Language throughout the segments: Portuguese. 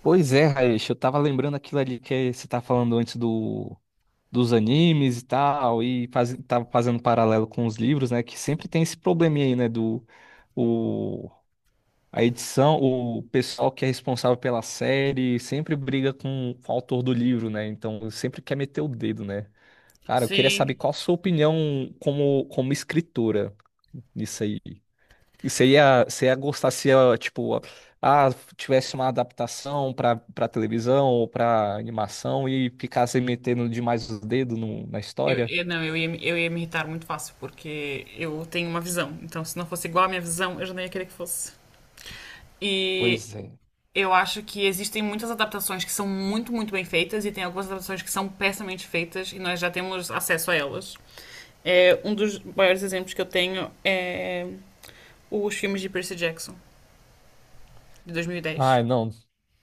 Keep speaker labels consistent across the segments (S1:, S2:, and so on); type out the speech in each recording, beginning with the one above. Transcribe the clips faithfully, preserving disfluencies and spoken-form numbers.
S1: Pois é, Raish, eu tava lembrando aquilo ali que você tá falando antes do, dos animes e tal, e faz, tava fazendo paralelo com os livros, né? Que sempre tem esse probleminha aí, né? Do o, a edição, o pessoal que é responsável pela série sempre briga com o autor do livro, né? Então sempre quer meter o dedo, né? Cara, eu queria saber
S2: Sim,
S1: qual a sua opinião como, como escritora nisso aí. Você ia, você ia gostar se, ó, tipo, ah, tivesse uma adaptação pra, pra televisão ou pra animação e ficasse metendo demais os dedos no- na
S2: eu,
S1: história?
S2: eu- não, eu ia, me- eu ia me irritar muito fácil, porque eu tenho uma visão. Então, se não fosse igual à minha visão, eu já não ia querer que fosse. E
S1: Pois é.
S2: eu acho que existem muitas adaptações que são muito, muito bem feitas, e tem algumas adaptações que são pessimamente feitas, e nós já temos acesso a elas. É, um dos maiores exemplos que eu tenho é os filmes de Percy Jackson, de dois mil e dez.
S1: Ai, não.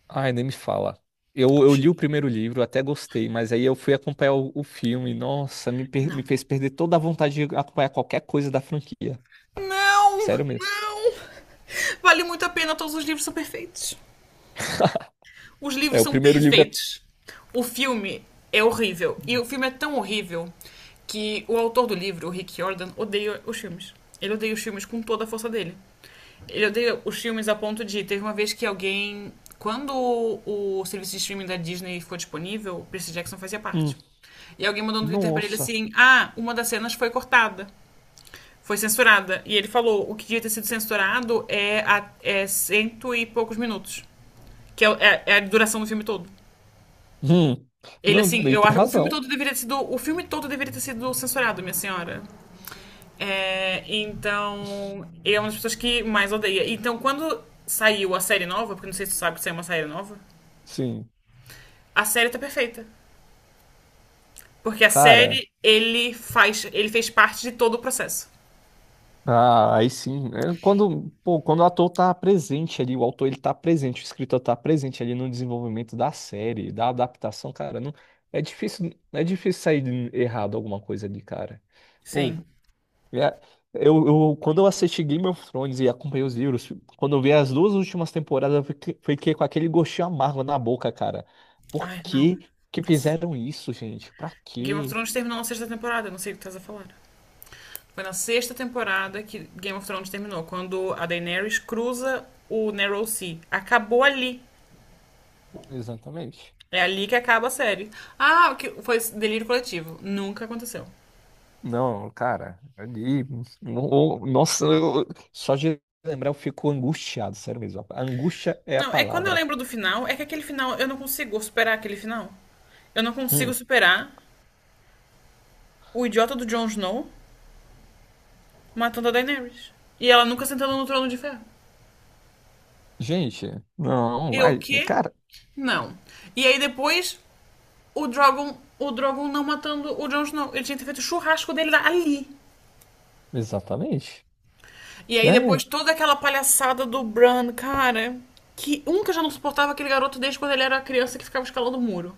S1: Ai, nem me fala. Eu, eu li o primeiro livro, até gostei, mas aí eu fui acompanhar o, o filme. Nossa, me, per-
S2: Não.
S1: me fez perder toda a vontade de acompanhar qualquer coisa da franquia.
S2: Não!
S1: Sério mesmo.
S2: Não! Vale muito a pena, todos os livros são perfeitos. Os
S1: É,
S2: livros
S1: o
S2: são
S1: primeiro livro é.
S2: perfeitos. O filme é horrível. E o filme é tão horrível que o autor do livro, o Rick Jordan, odeia os filmes. Ele odeia os filmes com toda a força dele. Ele odeia os filmes a ponto de. Teve uma vez que alguém. Quando o, o serviço de streaming da Disney ficou disponível, o Percy Jackson fazia
S1: Hum,
S2: parte. E alguém mandou no Twitter pra ele
S1: nossa.
S2: assim: Ah, uma das cenas foi cortada. Foi censurada. E ele falou: o que devia ter sido censurado é, a, é cento e poucos minutos. Que é, é- é a duração do filme todo.
S1: Hum.
S2: Ele,
S1: Não,
S2: assim,
S1: e
S2: eu
S1: tem
S2: acho. O filme
S1: razão.
S2: todo deveria ter sido. O filme todo deveria ter sido censurado, minha senhora. É, então. Ele é uma das pessoas que mais odeia. Então, quando saiu a série nova, porque não sei se tu sabe que saiu uma série nova,
S1: Sim.
S2: a série tá perfeita. Porque a
S1: Cara.
S2: série, ele faz. Ele fez parte de todo o processo.
S1: Ah, aí sim. É, quando, pô, quando o ator tá presente ali, o autor ele tá presente, o escritor tá presente ali no desenvolvimento da série, da adaptação, cara, não, é difícil, é difícil sair errado alguma coisa ali, cara. Pô,
S2: Sim.
S1: é- eu, eu- quando eu assisti Game of Thrones e acompanhei os livros, quando eu vi as duas últimas temporadas, eu fiquei, fiquei com aquele gostinho amargo na boca, cara. Por
S2: Ai, não.
S1: que que
S2: Nossa.
S1: fizeram isso, gente? Pra
S2: Game of
S1: quê?
S2: Thrones terminou na sexta temporada, eu não sei o que tu estás a falar. Foi na sexta temporada que Game of Thrones terminou, quando a Daenerys cruza o Narrow Sea. Acabou ali.
S1: Exatamente.
S2: É ali que acaba a série. Ah, que foi delírio coletivo. Nunca aconteceu.
S1: Não, cara, ali, no- nossa, eu- só de lembrar eu fico angustiado, sério mesmo. A angústia é a
S2: Não, é que quando eu
S1: palavra.
S2: lembro do final, é que aquele final, eu não consigo superar aquele final. Eu não consigo
S1: Hum,
S2: superar o idiota do Jon Snow matando a Daenerys. E ela nunca sentando no trono de ferro.
S1: gente, não,
S2: Eu o
S1: vai,
S2: quê?
S1: cara,
S2: Não. E aí depois, o Drogon, o Drogon não matando o Jon Snow. Ele tinha que ter feito o churrasco dele lá- ali.
S1: exatamente,
S2: E aí
S1: né?
S2: depois toda aquela palhaçada do Bran, cara. Que um que eu já não suportava aquele garoto desde quando ele era criança que ficava escalando o muro.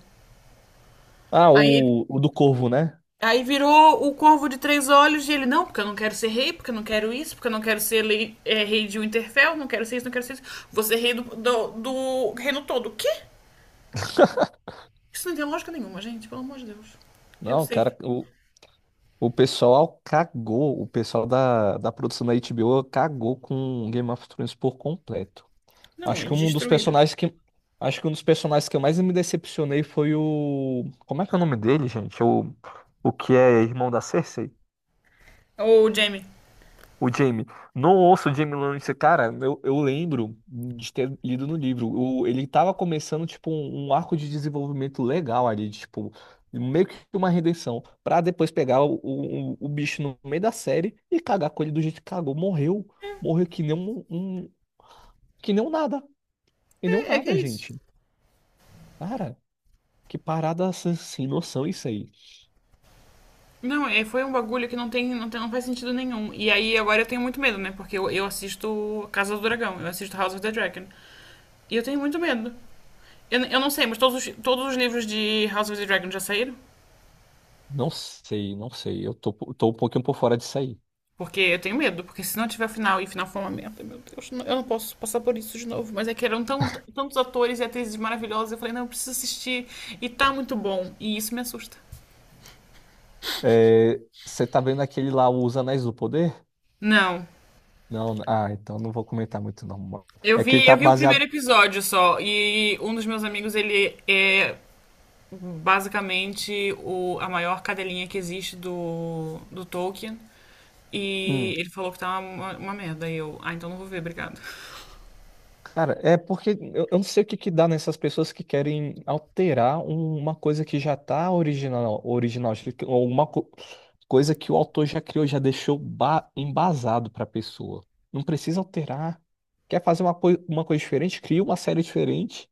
S1: Ah,
S2: Aí,
S1: o, o do Corvo, né?
S2: aí virou o Corvo de Três Olhos e ele, não, porque eu não quero ser rei, porque eu não quero isso, porque eu não quero ser lei- é, rei de Winterfell, não quero ser isso, não quero ser isso. Vou ser rei do, do, do reino todo. O quê? Isso não tem lógica nenhuma, gente, pelo amor de Deus. Eu
S1: Não, cara,
S2: sei.
S1: o, o pessoal cagou, o pessoal da, da produção da H B O cagou com Game of Thrones por completo.
S2: Não,
S1: Acho que
S2: eles
S1: um dos
S2: destruíram.
S1: personagens que. Acho que um dos personagens que eu mais me decepcionei foi o. Como é que é o nome dele, gente? O, o que é irmão da Cersei?
S2: Ô, Jamie.
S1: O Jaime. Não ouço o Jaime Lannister. Cara, eu, eu lembro de ter lido no livro. O, ele tava começando, tipo, um, um arco de desenvolvimento legal ali, tipo, meio que uma redenção. Pra depois pegar o, o, o bicho no meio da série e cagar com ele do jeito que cagou. Morreu. Morreu que nem um, um- que nem um nada. Que nem um
S2: É, é que
S1: nada,
S2: é isso.
S1: gente. Cara. Que parada sem sem noção isso aí.
S2: Não, é, foi um bagulho que não tem, não tem, não faz sentido nenhum. E aí agora eu tenho muito medo, né? Porque eu, eu assisto Casa do Dragão, eu assisto House of the Dragon. E eu tenho muito medo. Eu, eu não sei, mas todos os, todos os livros de House of the Dragon já saíram?
S1: Não sei, não sei. Eu tô, tô um pouquinho por fora disso aí.
S2: Porque eu tenho medo, porque se não tiver final e final for uma merda, meu Deus, eu não posso passar por isso de novo. Mas é que eram tão- tantos atores e atrizes maravilhosos, eu falei, não, eu preciso assistir. E tá muito bom. E isso me assusta.
S1: É, você tá vendo aquele lá, o Os Anéis do Poder?
S2: Não.
S1: Não, ah, então não vou comentar muito não.
S2: Eu
S1: É que ele
S2: vi,
S1: tá
S2: eu vi o primeiro
S1: baseado.
S2: episódio só, e um dos meus amigos, ele é basicamente o, a maior cadelinha que existe do, do Tolkien. E
S1: Hum.
S2: ele falou que tá uma, uma merda. E eu, ah, então não vou ver, obrigado.
S1: Cara, é porque eu, eu não sei o que que dá nessas pessoas que querem alterar um- uma coisa que já tá original, original, acho que- ou uma co- coisa que o autor já criou, já deixou ba- embasado pra pessoa. Não precisa alterar. Quer fazer uma, coi- uma coisa diferente? Cria uma série diferente.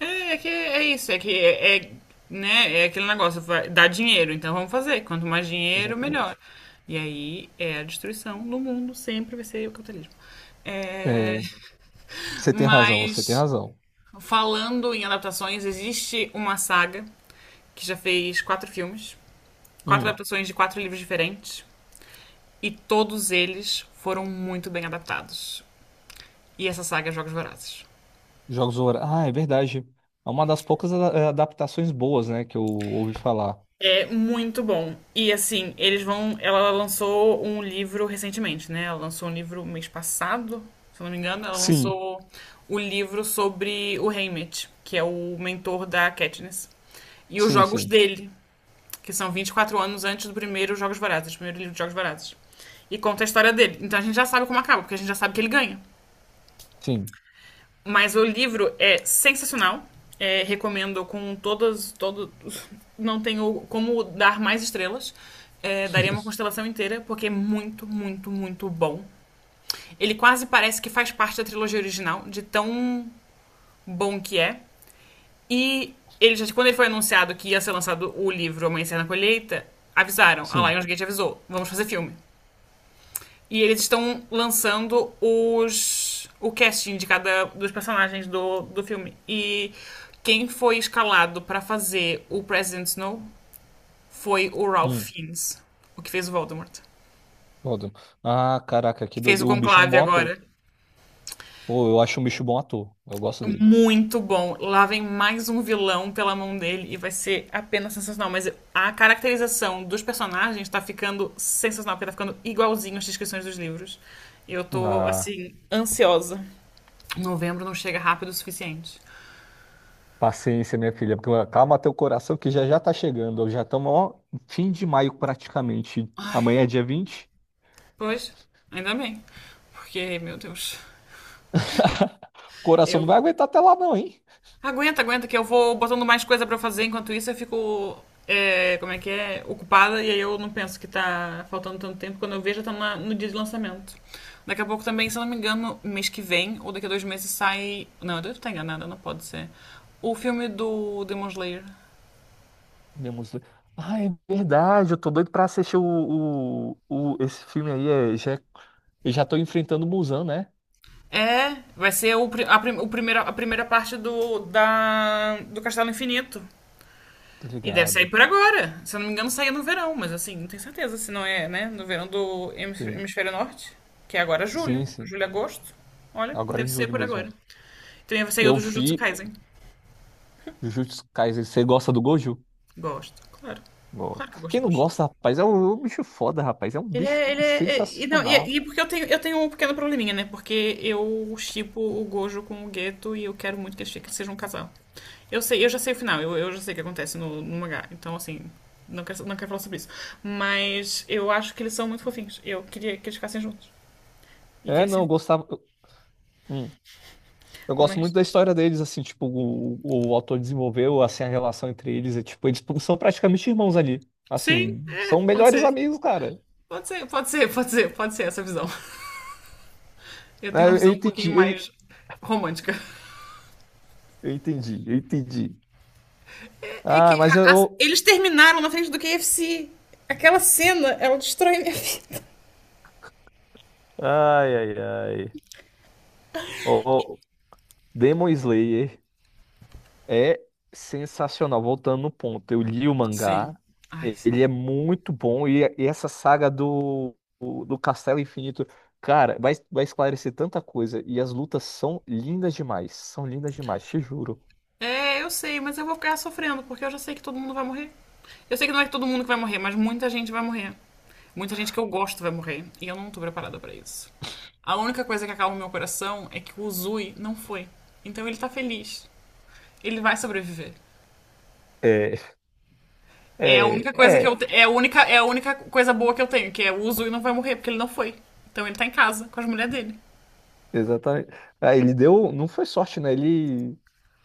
S2: É, é que é isso, é que é, é, né, é aquele negócio, vai- dá dinheiro, então vamos fazer. Quanto mais dinheiro, melhor.
S1: Exatamente.
S2: E aí é a destruição no mundo, sempre vai ser o capitalismo. É,
S1: É, você tem razão, você tem
S2: Mas
S1: razão.
S2: falando em adaptações, existe uma saga que já fez quatro filmes, quatro
S1: Hum,
S2: adaptações de quatro livros diferentes, e todos eles foram muito bem adaptados. E essa saga é Jogos Vorazes.
S1: Jogos do Horácio. Ah, é verdade. É uma das poucas a- é, adaptações boas, né, que eu ouvi falar.
S2: É muito bom. E assim, eles vão. Ela lançou um livro recentemente, né? Ela lançou um livro mês passado, se eu não me engano. Ela
S1: Sim,
S2: lançou o livro sobre o Haymitch, que é o mentor da Katniss. E os
S1: sim,
S2: jogos
S1: sim,
S2: dele, que são vinte e quatro anos antes do primeiro Jogos Vorazes, primeiro livro de Jogos Vorazes. E conta a história dele. Então a gente já sabe como acaba, porque a gente já sabe que ele ganha.
S1: sim,
S2: Mas o livro é sensacional. É, recomendo com todas. Todo, não tenho como dar mais estrelas. É, daria uma constelação inteira, porque é muito, muito, muito bom. Ele quase parece que faz parte da trilogia original, de tão bom que é. E ele já, quando ele foi anunciado que ia ser lançado o livro Amanhecer na Colheita, avisaram. A
S1: sim.
S2: Lionsgate avisou: vamos fazer filme. E eles estão lançando os o casting de cada dos personagens do, do filme. E quem foi escalado pra fazer o President Snow foi o Ralph
S1: Hum,
S2: Fiennes, o que fez o Voldemort.
S1: Gordon. Ah, caraca, que
S2: Que fez o
S1: doido. O bicho é um
S2: Conclave
S1: bom ator.
S2: agora.
S1: Pô, eu acho um bicho bom ator. Eu gosto dele.
S2: Muito bom. Lá vem mais um vilão pela mão dele e vai ser apenas sensacional. Mas a caracterização dos personagens tá ficando sensacional, porque tá ficando igualzinho as descrições dos livros. Eu tô,
S1: Ah,
S2: assim, ansiosa. Novembro não chega rápido o suficiente.
S1: paciência, minha filha. porque- Calma teu coração que já já tá chegando. Já estamos, ó, fim de maio praticamente. Amanhã é dia vinte.
S2: Pois, ainda bem. Porque, meu Deus.
S1: O coração não
S2: Eu.
S1: vai aguentar até lá, não, hein?
S2: Aguenta, aguenta, que eu vou botando mais coisa pra fazer enquanto isso eu fico. É, como é que é? Ocupada e aí eu não penso que tá faltando tanto tempo. Quando eu vejo, já tá na- no dia de lançamento. Daqui a pouco também, se eu não me engano, mês que vem ou daqui a dois meses sai. Não, eu devo estar enganada, não pode ser. O filme do Demon Slayer.
S1: Minha música. Ah, é verdade, eu tô doido pra assistir o, o, o- esse filme aí. É, já, eu já tô enfrentando o Muzan, né?
S2: É, vai ser o, pri- a, prim- o primeira, a primeira parte do, da, do Castelo Infinito.
S1: Tô
S2: E deve sair
S1: ligado.
S2: por agora. Se eu não me engano, saía no verão, mas assim, não tenho certeza se não é, né? No verão do hemis-
S1: Sim,
S2: hemisfério norte, que é agora
S1: sim,
S2: julho,
S1: sim.
S2: julho, agosto. Olha,
S1: Agora
S2: deve
S1: em
S2: ser
S1: julho
S2: por
S1: mesmo.
S2: agora. Também saiu
S1: Eu
S2: do Jujutsu
S1: vi
S2: Kaisen.
S1: Jujutsu Kaisen. Você gosta do Gojo?
S2: Gosto, claro.
S1: Gosto.
S2: Claro que eu gosto
S1: Quem
S2: do
S1: não
S2: Jujutsu.
S1: gosta, rapaz, é um, é um bicho foda, rapaz. É um
S2: Ele
S1: bicho
S2: é. Ele é, é- e, não,
S1: sensacional.
S2: e, e porque eu tenho, eu tenho um pequeno probleminha, né? Porque eu shippo o Gojo com o Geto e eu quero muito que eles fiquem- sejam um casal. Eu sei, eu já sei o final, eu, eu já sei o que acontece no, no mangá. Então, assim, não quero, não quero falar sobre isso. Mas eu acho que eles são muito fofinhos. Eu queria que eles ficassem juntos. E que
S1: É,
S2: eles
S1: não, eu
S2: se.
S1: gostava. Eu, hum. Eu gosto muito
S2: Mas.
S1: da história deles, assim, tipo, o, o autor desenvolveu, assim, a relação entre eles. É, tipo, eles são praticamente irmãos ali.
S2: Sim,
S1: Assim,
S2: é,
S1: são
S2: pode
S1: melhores
S2: ser.
S1: amigos, cara.
S2: Pode ser, pode ser, pode ser, pode ser essa visão. Eu
S1: Ah,
S2: tenho uma
S1: eu eu
S2: visão um
S1: entendi,
S2: pouquinho
S1: eu,
S2: mais romântica.
S1: eu entendi, eu entendi.
S2: É
S1: Ah,
S2: que
S1: mas
S2: a- a-
S1: eu.
S2: eles terminaram na frente do K F C. Aquela cena, ela destrói minha vida.
S1: Ai, ai, ai. Oh, Demon Slayer é sensacional. Voltando no ponto, eu li o
S2: Sim.
S1: mangá,
S2: Ai,
S1: e-
S2: sim.
S1: ele é muito bom. E, e essa saga do, o- do Castelo Infinito, cara, vai, vai esclarecer tanta coisa. E as lutas são lindas demais, são lindas demais, te juro.
S2: É, eu sei, mas eu vou ficar sofrendo, porque eu já sei que todo mundo vai morrer. Eu sei que não é que todo mundo que vai morrer, mas muita gente vai morrer. Muita gente que eu gosto vai morrer. E eu não tô preparada pra isso. A única coisa que acalma o meu coração é que o Uzui não foi. Então ele tá feliz. Ele vai sobreviver.
S1: É,
S2: É a
S1: é,
S2: única coisa que eu
S1: é.
S2: te- é a única é a única coisa boa que eu tenho, que é o Uzui não vai morrer porque ele não foi. Então ele tá em casa com as mulheres dele.
S1: Exatamente. Ah, ele deu. Não foi sorte, né? Ele,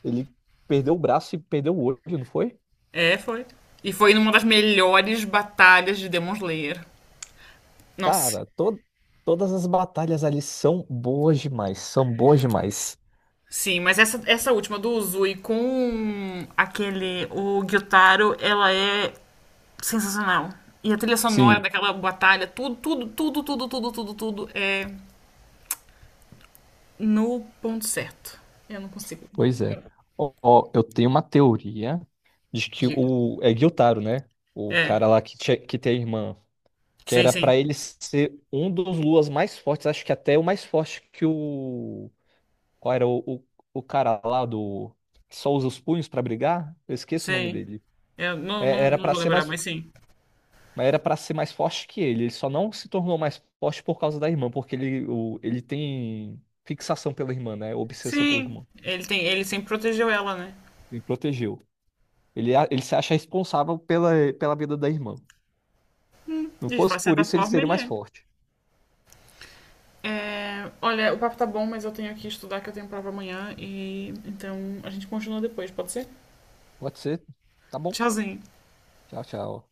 S1: Ele perdeu o braço e perdeu o olho, não foi?
S2: É, foi. E foi numa das melhores batalhas de Demon Slayer. Nossa.
S1: Cara, to... todas as batalhas ali são boas demais. São boas demais.
S2: Sim, mas essa, essa última do Uzui com aquele, o Gyutaro, ela é sensacional. E a trilha sonora
S1: Sim.
S2: daquela batalha, tudo, tudo, tudo, tudo, tudo, tudo, tudo é no ponto certo. Eu não consigo.
S1: Pois é.
S2: Eu-
S1: Ó, ó, eu tenho uma teoria de que
S2: Diga.
S1: o. É Gyutaro, né? O
S2: É.
S1: cara lá que, tinha... que tem a irmã. Que
S2: Sim,
S1: era
S2: sim.
S1: pra ele ser um dos Luas mais fortes. Acho que até o mais forte que o. Qual era o, o... o cara lá do. Que só usa os punhos pra brigar? Eu esqueço o nome
S2: Sim.
S1: dele.
S2: Eu não,
S1: É,
S2: não,
S1: Era
S2: não
S1: pra
S2: vou
S1: ser
S2: lembrar,
S1: mais,
S2: mas sim.
S1: era para ser mais forte que ele. Ele só não se tornou mais forte por causa da irmã, porque ele, o, ele tem fixação pela irmã, né? Obsessão pela
S2: Sim.
S1: irmã.
S2: Ele tem, ele sempre protegeu ela, né?
S1: Ele protegeu. Ele, a- ele se acha responsável pela, pela vida da irmã. Não fosse
S2: De
S1: por
S2: certa
S1: isso, ele
S2: forma,
S1: seria
S2: ele
S1: mais
S2: é.
S1: forte.
S2: É, olha, o papo tá bom, mas eu tenho que estudar que eu tenho prova amanhã e então a gente continua depois, pode ser?
S1: Pode ser? Tá bom.
S2: Tchauzinho.
S1: Tchau, tchau.